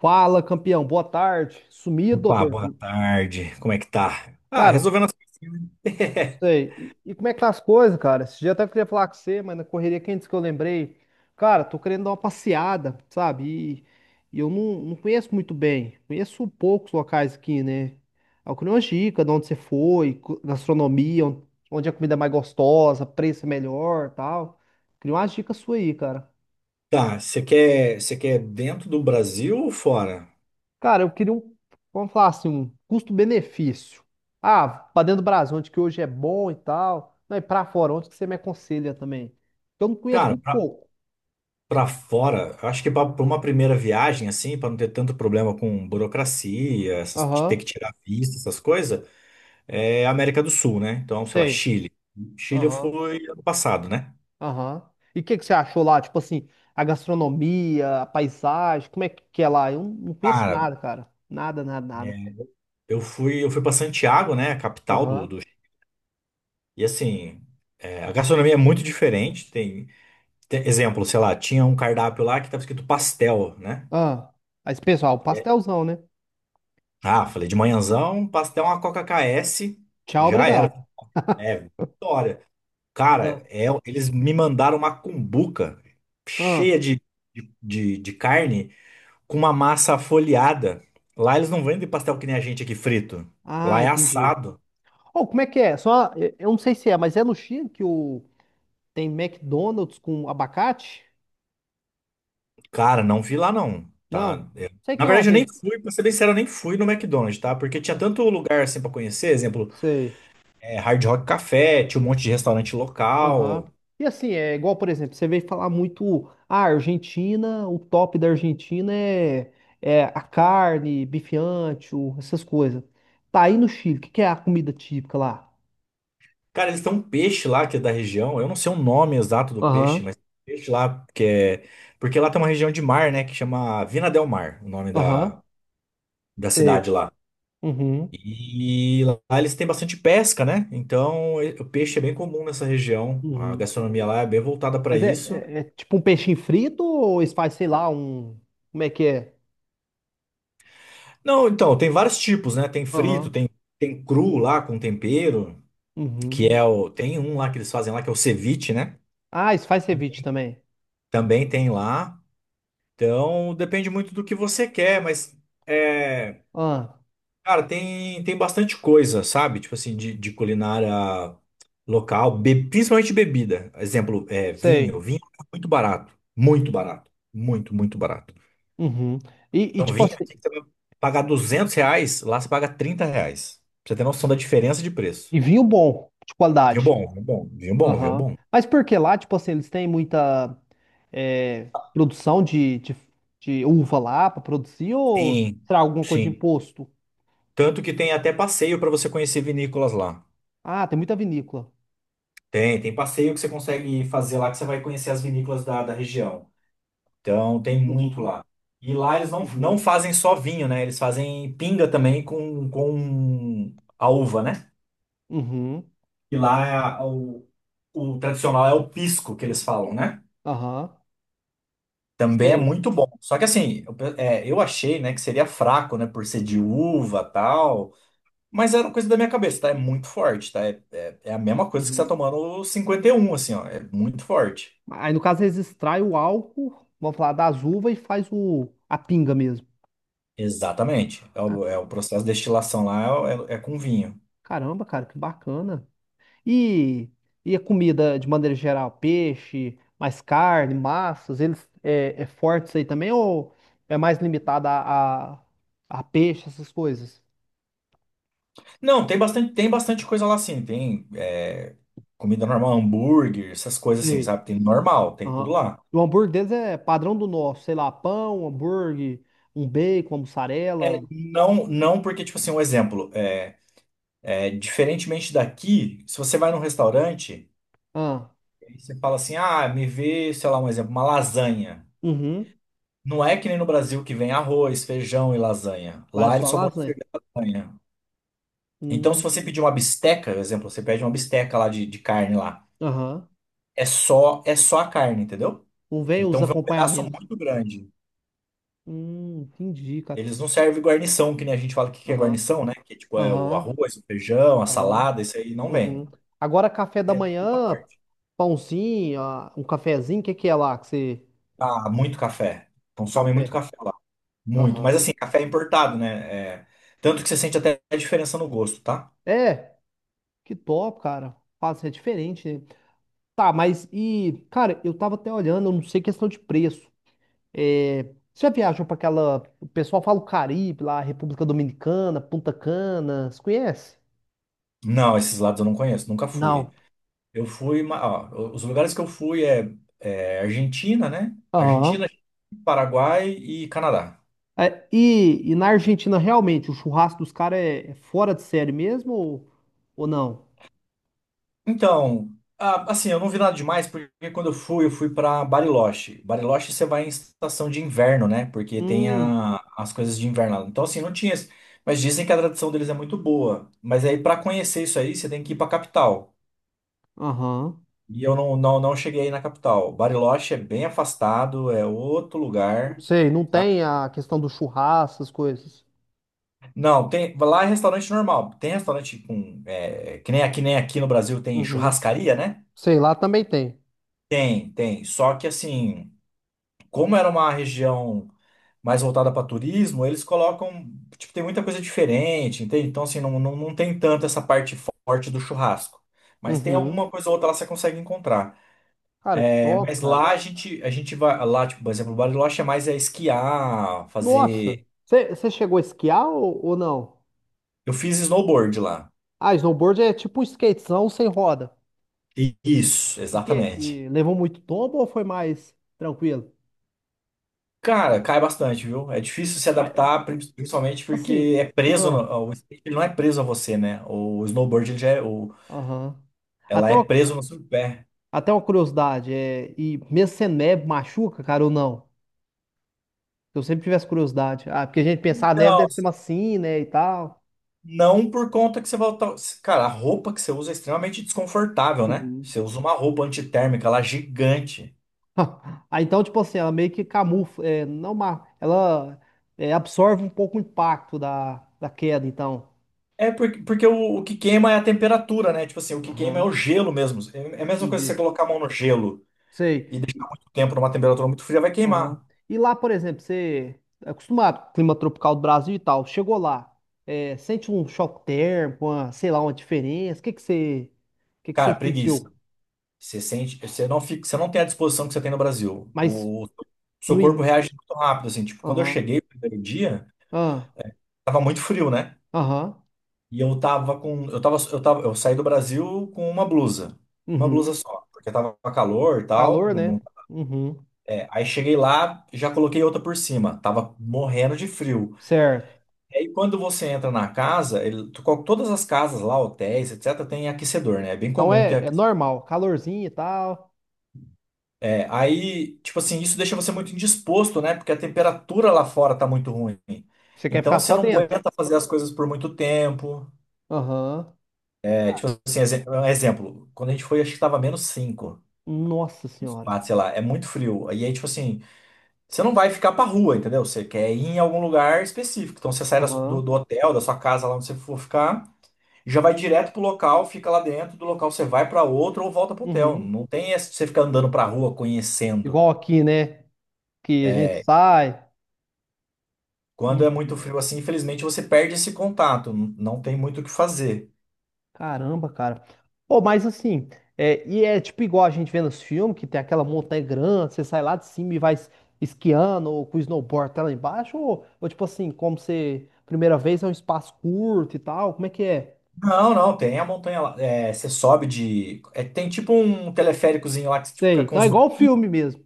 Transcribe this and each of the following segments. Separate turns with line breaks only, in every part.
Fala, campeão. Boa tarde. Sumido,
Opa,
doutor.
boa tarde. Como é que tá? Ah,
Cara,
resolvendo as coisinhas, né?
sei. E como é que tá as coisas, cara? Esse dia até queria falar com você, mas na correria quente que eu lembrei. Cara, tô querendo dar uma passeada, sabe? E, e eu não conheço muito bem. Conheço poucos locais aqui, né? Eu queria uma dica de onde você foi, gastronomia, onde a comida é mais gostosa, preço é melhor, tal. Queria umas dicas suas aí, cara.
Tá, você quer dentro do Brasil ou fora?
Cara, eu queria um, vamos falar assim, um custo-benefício. Ah, pra dentro do Brasil, onde que hoje é bom e tal. Não, e pra fora, onde que você me aconselha também? Eu não conheço
Cara,
muito
pra,
pouco.
pra fora, eu acho que pra uma primeira viagem, assim, pra não ter tanto problema com burocracia, essas, de
Aham,
ter que tirar visto, essas coisas, é América do Sul, né? Então, sei lá,
sei.
Chile. Chile eu
Aham,
fui ano passado, né?
aham. E o que que você achou lá? Tipo assim, a gastronomia, a paisagem, como é que é lá? Eu não conheço
Cara,
nada, cara. Nada, nada, nada.
é, eu fui para Santiago, né, a capital do,
Aham.
do... E assim, a gastronomia é muito diferente, tem exemplo, sei lá, tinha um cardápio lá que estava escrito pastel, né?
Ah. Aí, pessoal,
É.
pastelzão, né?
Ah, falei, de manhãzão, pastel, uma Coca k s
Tchau,
já era.
obrigado.
É, vitória.
Ah,
Cara, eles me mandaram uma cumbuca
ah,
cheia de carne com uma massa folheada. Lá eles não vendem pastel que nem a gente aqui frito. Lá
ah,
é
entendi.
assado.
Oh, como é que é? Só, eu não sei se é, mas é no Chile que o tem McDonald's com abacate?
Cara, não vi lá não,
Não.
tá?
Sei
Na
que é uma
verdade, eu nem
vez.
fui, pra ser bem sincero, eu nem fui no McDonald's, tá? Porque tinha tanto lugar assim pra conhecer, exemplo,
Sei.
é Hard Rock Café, tinha um monte de restaurante
Aham.
local.
E assim, é igual, por exemplo, você veio falar muito, ah, Argentina, o top da Argentina é, é a carne, bife ancho, essas coisas. Tá aí no Chile, o que que é a comida típica lá?
Cara, eles têm um peixe lá que é da região. Eu não sei o nome exato do
Aham.
peixe, mas tem um peixe lá que é. Porque lá tem uma região de mar, né? Que chama Vina del Mar, o nome da,
Aham.
da
Sei.
cidade lá.
Uhum.
E lá eles têm bastante pesca, né? Então o peixe é bem comum nessa região. A
Uhum.
gastronomia lá é bem voltada para
Mas é,
isso.
é, é tipo um peixinho frito ou eles fazem, sei lá, um. Como é que é?
Não, então, tem vários tipos, né? Tem frito,
Aham.
tem cru lá com tempero, que
Uhum.
é o. Tem um lá que eles fazem lá, que é o ceviche, né?
Ah, isso faz ceviche também.
Também tem lá. Então, depende muito do que você quer, mas é,
Ah,
cara, tem bastante coisa, sabe? Tipo assim, de culinária local, principalmente bebida. Exemplo, vinho.
sei.
Vinho é muito barato, muito barato, muito, muito barato.
Uhum.
Então,
Tipo
vinho
assim,
aqui que você vai pagar R$ 200, lá você paga R$ 30. Pra você ter noção da diferença de preço.
e vinho bom, de
Vinho
qualidade.
bom, vinho bom, vinho bom, vinho
Aham.
bom.
Mas por que lá, tipo assim, eles têm muita é, produção de uva lá para produzir ou
Sim,
será alguma coisa de
sim.
imposto?
Tanto que tem até passeio para você conhecer vinícolas lá.
Ah, tem muita vinícola.
Tem passeio que você consegue fazer lá que você vai conhecer as vinícolas da região. Então, tem muito
Uhum.
lá. E lá eles não
Uhum.
fazem só vinho, né? Eles fazem pinga também com a uva, né?
Uhum.
E lá é o tradicional é o pisco que eles falam, né?
Aham.
Também é
Sei.
muito bom. Só que assim, eu achei, né, que seria fraco, né, por ser de uva tal. Mas era uma coisa da minha cabeça, tá? É muito forte, tá? É a mesma coisa que você tá
Uhum.
tomando o 51 assim, ó. É muito forte.
Aí, no caso, eles extraem o álcool, vamos falar, das uvas e faz o, a pinga mesmo.
Exatamente. É
Ah,
o, é o processo de destilação lá é com vinho.
caramba, cara, que bacana. E, e a comida, de maneira geral, peixe, mais carne, massas, eles é, é forte isso aí também ou é mais limitada a peixe, essas coisas?
Não, tem bastante coisa lá sim. Tem comida normal, hambúrguer, essas coisas assim,
Sei.
sabe? Tem normal, tem tudo
Aham.
lá.
O hambúrguer deles é padrão do nosso, sei lá, pão, hambúrguer, um bacon, uma
É,
mussarela.
não, não porque, tipo assim, um exemplo, diferentemente daqui, se você vai num restaurante,
Ah,
e você fala assim, ah, me vê, sei lá, um exemplo, uma lasanha.
uhum.
Não é que nem no Brasil que vem arroz, feijão e lasanha.
Lá é
Lá eles
só
só vão te
lasanha?
servir lasanha. Então, se
Hum,
você pedir uma bisteca, por exemplo, você pede uma bisteca lá de carne lá.
aham.
É só a carne, entendeu?
Não vem os
Então vem um pedaço
acompanhamentos.
muito grande.
Entendi, cara.
Eles não servem guarnição, que nem a gente fala que é
Aham,
guarnição, né? Que tipo é o
aham,
arroz, o feijão, a
aham.
salada, isso aí não
Uhum.
vem.
Agora, café da
Muita
manhã,
parte.
pãozinho, ah, um cafezinho, o que que é lá que você...
Ah, muito café. Consomem muito
Café.
café lá. Muito. Mas
Aham.
assim, café importado, né? Tanto que você sente até a diferença no gosto, tá?
É, que top, cara. Faz, é diferente, né? Tá, mas e... Cara, eu tava até olhando, eu não sei questão de preço. É, você já viajou pra aquela... O pessoal fala o Caribe lá, República Dominicana, Punta Cana, você conhece?
Não, esses lados eu não conheço, nunca fui.
Não.
Eu fui, ó, os lugares que eu fui é Argentina, né? Argentina,
Aham.
Paraguai e Canadá.
É, e na Argentina, realmente, o churrasco dos caras é, é fora de série mesmo ou não?
Então, ah, assim, eu não vi nada demais, porque quando eu fui para Bariloche. Bariloche você vai em estação de inverno, né? Porque tem
Hum,
as coisas de inverno lá. Então, assim, não tinha, mas dizem que a tradição deles é muito boa. Mas aí, para conhecer isso aí, você tem que ir para capital.
aham.
E eu não cheguei aí na capital. Bariloche é bem afastado, é outro
Não
lugar,
sei, não
tá?
tem a questão do churrasco, essas coisas.
Não, tem, lá é restaurante normal. Tem restaurante com. Que nem, aqui nem aqui no Brasil tem
Uhum.
churrascaria, né?
Sei lá, também tem.
Tem, tem. Só que assim, como era uma região mais voltada para turismo, eles colocam, tipo, tem muita coisa diferente, entende? Então, assim, não tem tanto essa parte forte do churrasco. Mas tem
Uhum.
alguma coisa ou outra lá que você consegue encontrar.
Cara, que
É,
top,
mas
cara.
lá a gente vai, lá, tipo, por exemplo, Bariloche é mais é esquiar, fazer.
Nossa, você chegou a esquiar ou não?
Eu fiz snowboard lá.
Ah, snowboard é tipo um skatezão sem roda.
Isso,
E, que,
exatamente.
e levou muito tombo ou foi mais tranquilo?
Cara, cai bastante, viu? É difícil se
Mas,
adaptar, principalmente
assim,
porque é preso,
ah,
o skate ele não é preso a você, né? O snowboard ele já
aham.
ela
Até
é
uma,
preso no seu pé.
Até uma curiosidade, é, e mesmo sem neve machuca, cara, ou não? Eu sempre tive essa curiosidade. Ah, porque a gente pensa a neve
Não,
deve ser macio, né, e tal.
não por conta que você volta. Cara, a roupa que você usa é extremamente desconfortável, né?
Uhum.
Você usa uma roupa antitérmica lá gigante.
Ah, então, tipo assim, ela meio que camufla, é, não, ela é, absorve um pouco o impacto da queda, então.
É porque o que queima é a temperatura, né? Tipo assim, o que queima é
Aham,
o gelo mesmo. É a mesma coisa que você
entendi.
colocar a mão no gelo
Sei.
e deixar muito tempo numa temperatura muito fria, vai
Aham.
queimar.
E lá, por exemplo, você é acostumado com o clima tropical do Brasil e tal, chegou lá, é, sente um choque térmico, uma, sei lá, uma diferença, o que que você, o que que você
Cara, preguiça.
sentiu?
Você sente, você não fica, você não tem a disposição que você tem no Brasil.
Mas
O seu
no...
corpo
in-
reage muito rápido, assim. Tipo, quando eu
aham,
cheguei no primeiro dia,
ah,
tava muito frio, né?
aham,
E eu tava com. Eu saí do Brasil com uma blusa. Uma blusa
uhum.
só. Porque tava calor e tal,
Calor, né? Uhum,
aí cheguei lá, já coloquei outra por cima. Tava morrendo de frio.
certo.
E aí quando você entra na casa, todas as casas lá, hotéis, etc., tem aquecedor, né? É bem
Então
comum ter
é, é
aquecedor.
normal, calorzinho e tal.
É, aí, tipo assim, isso deixa você muito indisposto, né? Porque a temperatura lá fora tá muito ruim.
Você quer ficar
Então você
só
não
dentro.
aguenta fazer as coisas por muito tempo.
Aham.
É, tipo assim, um exemplo, quando a gente foi, acho que tava -5
Nossa
uns
senhora.
quatro, sei lá, é muito frio. E aí, tipo assim, você não vai ficar pra rua, entendeu? Você quer ir em algum lugar específico. Então você sai das- do,
Aham.
do hotel, da sua casa, lá onde você for ficar, já vai direto pro local, fica lá dentro, do local você vai pra outro ou volta pro hotel.
Uhum.
Não tem essa de você ficar andando pra rua conhecendo.
Igual aqui, né? Que a gente
É,
sai.
quando
Uhum.
é muito frio assim, infelizmente você perde esse contato, não tem muito o que fazer.
Caramba, cara. Pô, mas assim, é, e é tipo igual a gente vê nos filmes, que tem aquela montanha grande, você sai lá de cima e esquiando, ou com o snowboard até lá embaixo, ou tipo assim, como você, primeira vez é um espaço curto e tal, como é que é?
Não, não, tem a montanha lá. É, você sobe de. Tem tipo um teleféricozinho lá que você, tipo, fica
Sei,
com
tá
uns
igual o
banquinhos.
filme mesmo.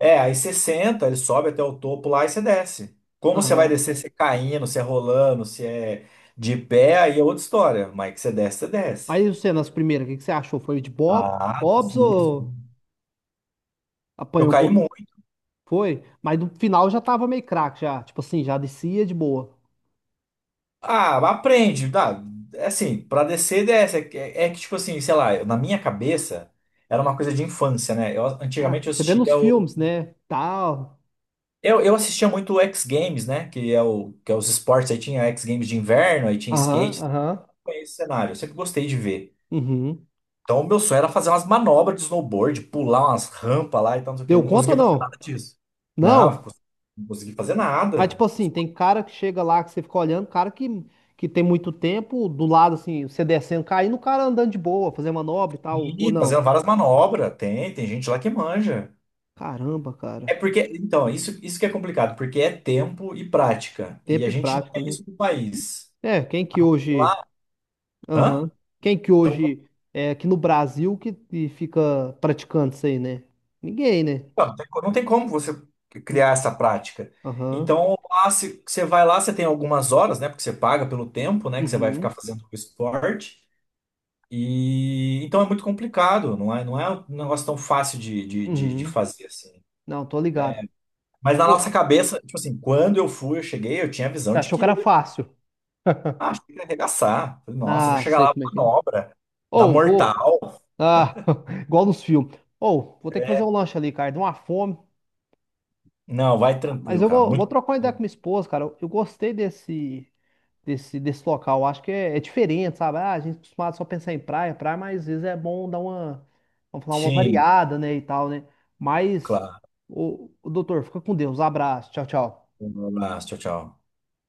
É, aí você senta, ele sobe até o topo lá e você desce. Como você vai
Aham.
descer, se é caindo, se é rolando, se é de
É.
pé, aí é outra história. Mas que você desce, você desce.
Mas e você, nas primeiras, o que que você achou?
Ah,
Bob's
difícil.
ou...
Eu
Apanhou um
caí
pouco,
muito.
foi, mas no final já tava meio craque já, tipo assim, já descia de boa.
Ah, aprende, dá. É assim, pra descer, desce. É, que é que, tipo assim, sei lá, na minha cabeça, era uma coisa de infância, né? Eu,
Ah,
antigamente eu
você vê nos
assistia o.
filmes, né? Tal.
Eu assistia muito o X Games, né? Que é, o, que é os esportes. Aí tinha X Games de inverno, aí tinha
Aham,
skate.
aham.
Foi esse cenário. Eu sempre gostei de ver.
Uhum.
Então, o meu sonho era fazer umas manobras de snowboard, pular umas rampas lá e tal, não sei o quê. Eu
Deu
não
conta ou
conseguia fazer
não?
nada disso. Não,
Não.
não consegui fazer
Mas
nada.
tipo assim, tem cara que chega lá que você fica olhando, cara que tem muito tempo do lado assim, você descendo, caindo, o cara andando de boa, fazendo manobra e tal, ou
E fazendo
não.
várias manobras. Tem gente lá que manja.
Caramba,
É
cara.
porque, então, isso que é complicado, porque é tempo e prática. E
Tempo
a
e
gente não
prática,
tem
né?
isso no país.
É, quem que hoje
Lá, hã?
Aham. Quem que
Então,
hoje é aqui no Brasil que fica praticando isso aí, né? Ninguém, né?
não tem como você criar essa prática.
Aham.
Então, lá, se, você vai lá, você tem algumas horas, né? Porque você paga pelo tempo, né? Que você vai ficar
Uhum.
fazendo o esporte. E então é muito complicado, não é um negócio tão fácil de
Uhum.
fazer assim.
Não, tô ligado.
Mas na nossa
Ô,
cabeça, tipo assim, quando eu fui, eu cheguei, eu tinha a visão
você
de
achou
que
que era fácil.
ah, acho que ia arregaçar. Falei, nossa, vou
Ah,
chegar
sei
lá,
como é que é.
manobra, dar
Ou, vou.
mortal.
Ah, igual nos filmes. Ou, vou ter que fazer um lanche ali, cara. Deu uma fome.
Não, vai
Mas
tranquilo,
eu
cara.
vou, vou
Muito.
trocar uma ideia com minha esposa, cara. Eu gostei desse. Desse, local. Eu acho que é, é diferente, sabe? Ah, a gente é acostumado só a pensar em praia, praia, mas às vezes é bom dar uma, vamos falar, uma
Sim,
variada, né, e tal, né? Mas,
claro.
o, doutor, fica com Deus. Abraço. Tchau, tchau.
Um abraço, tchau, tchau.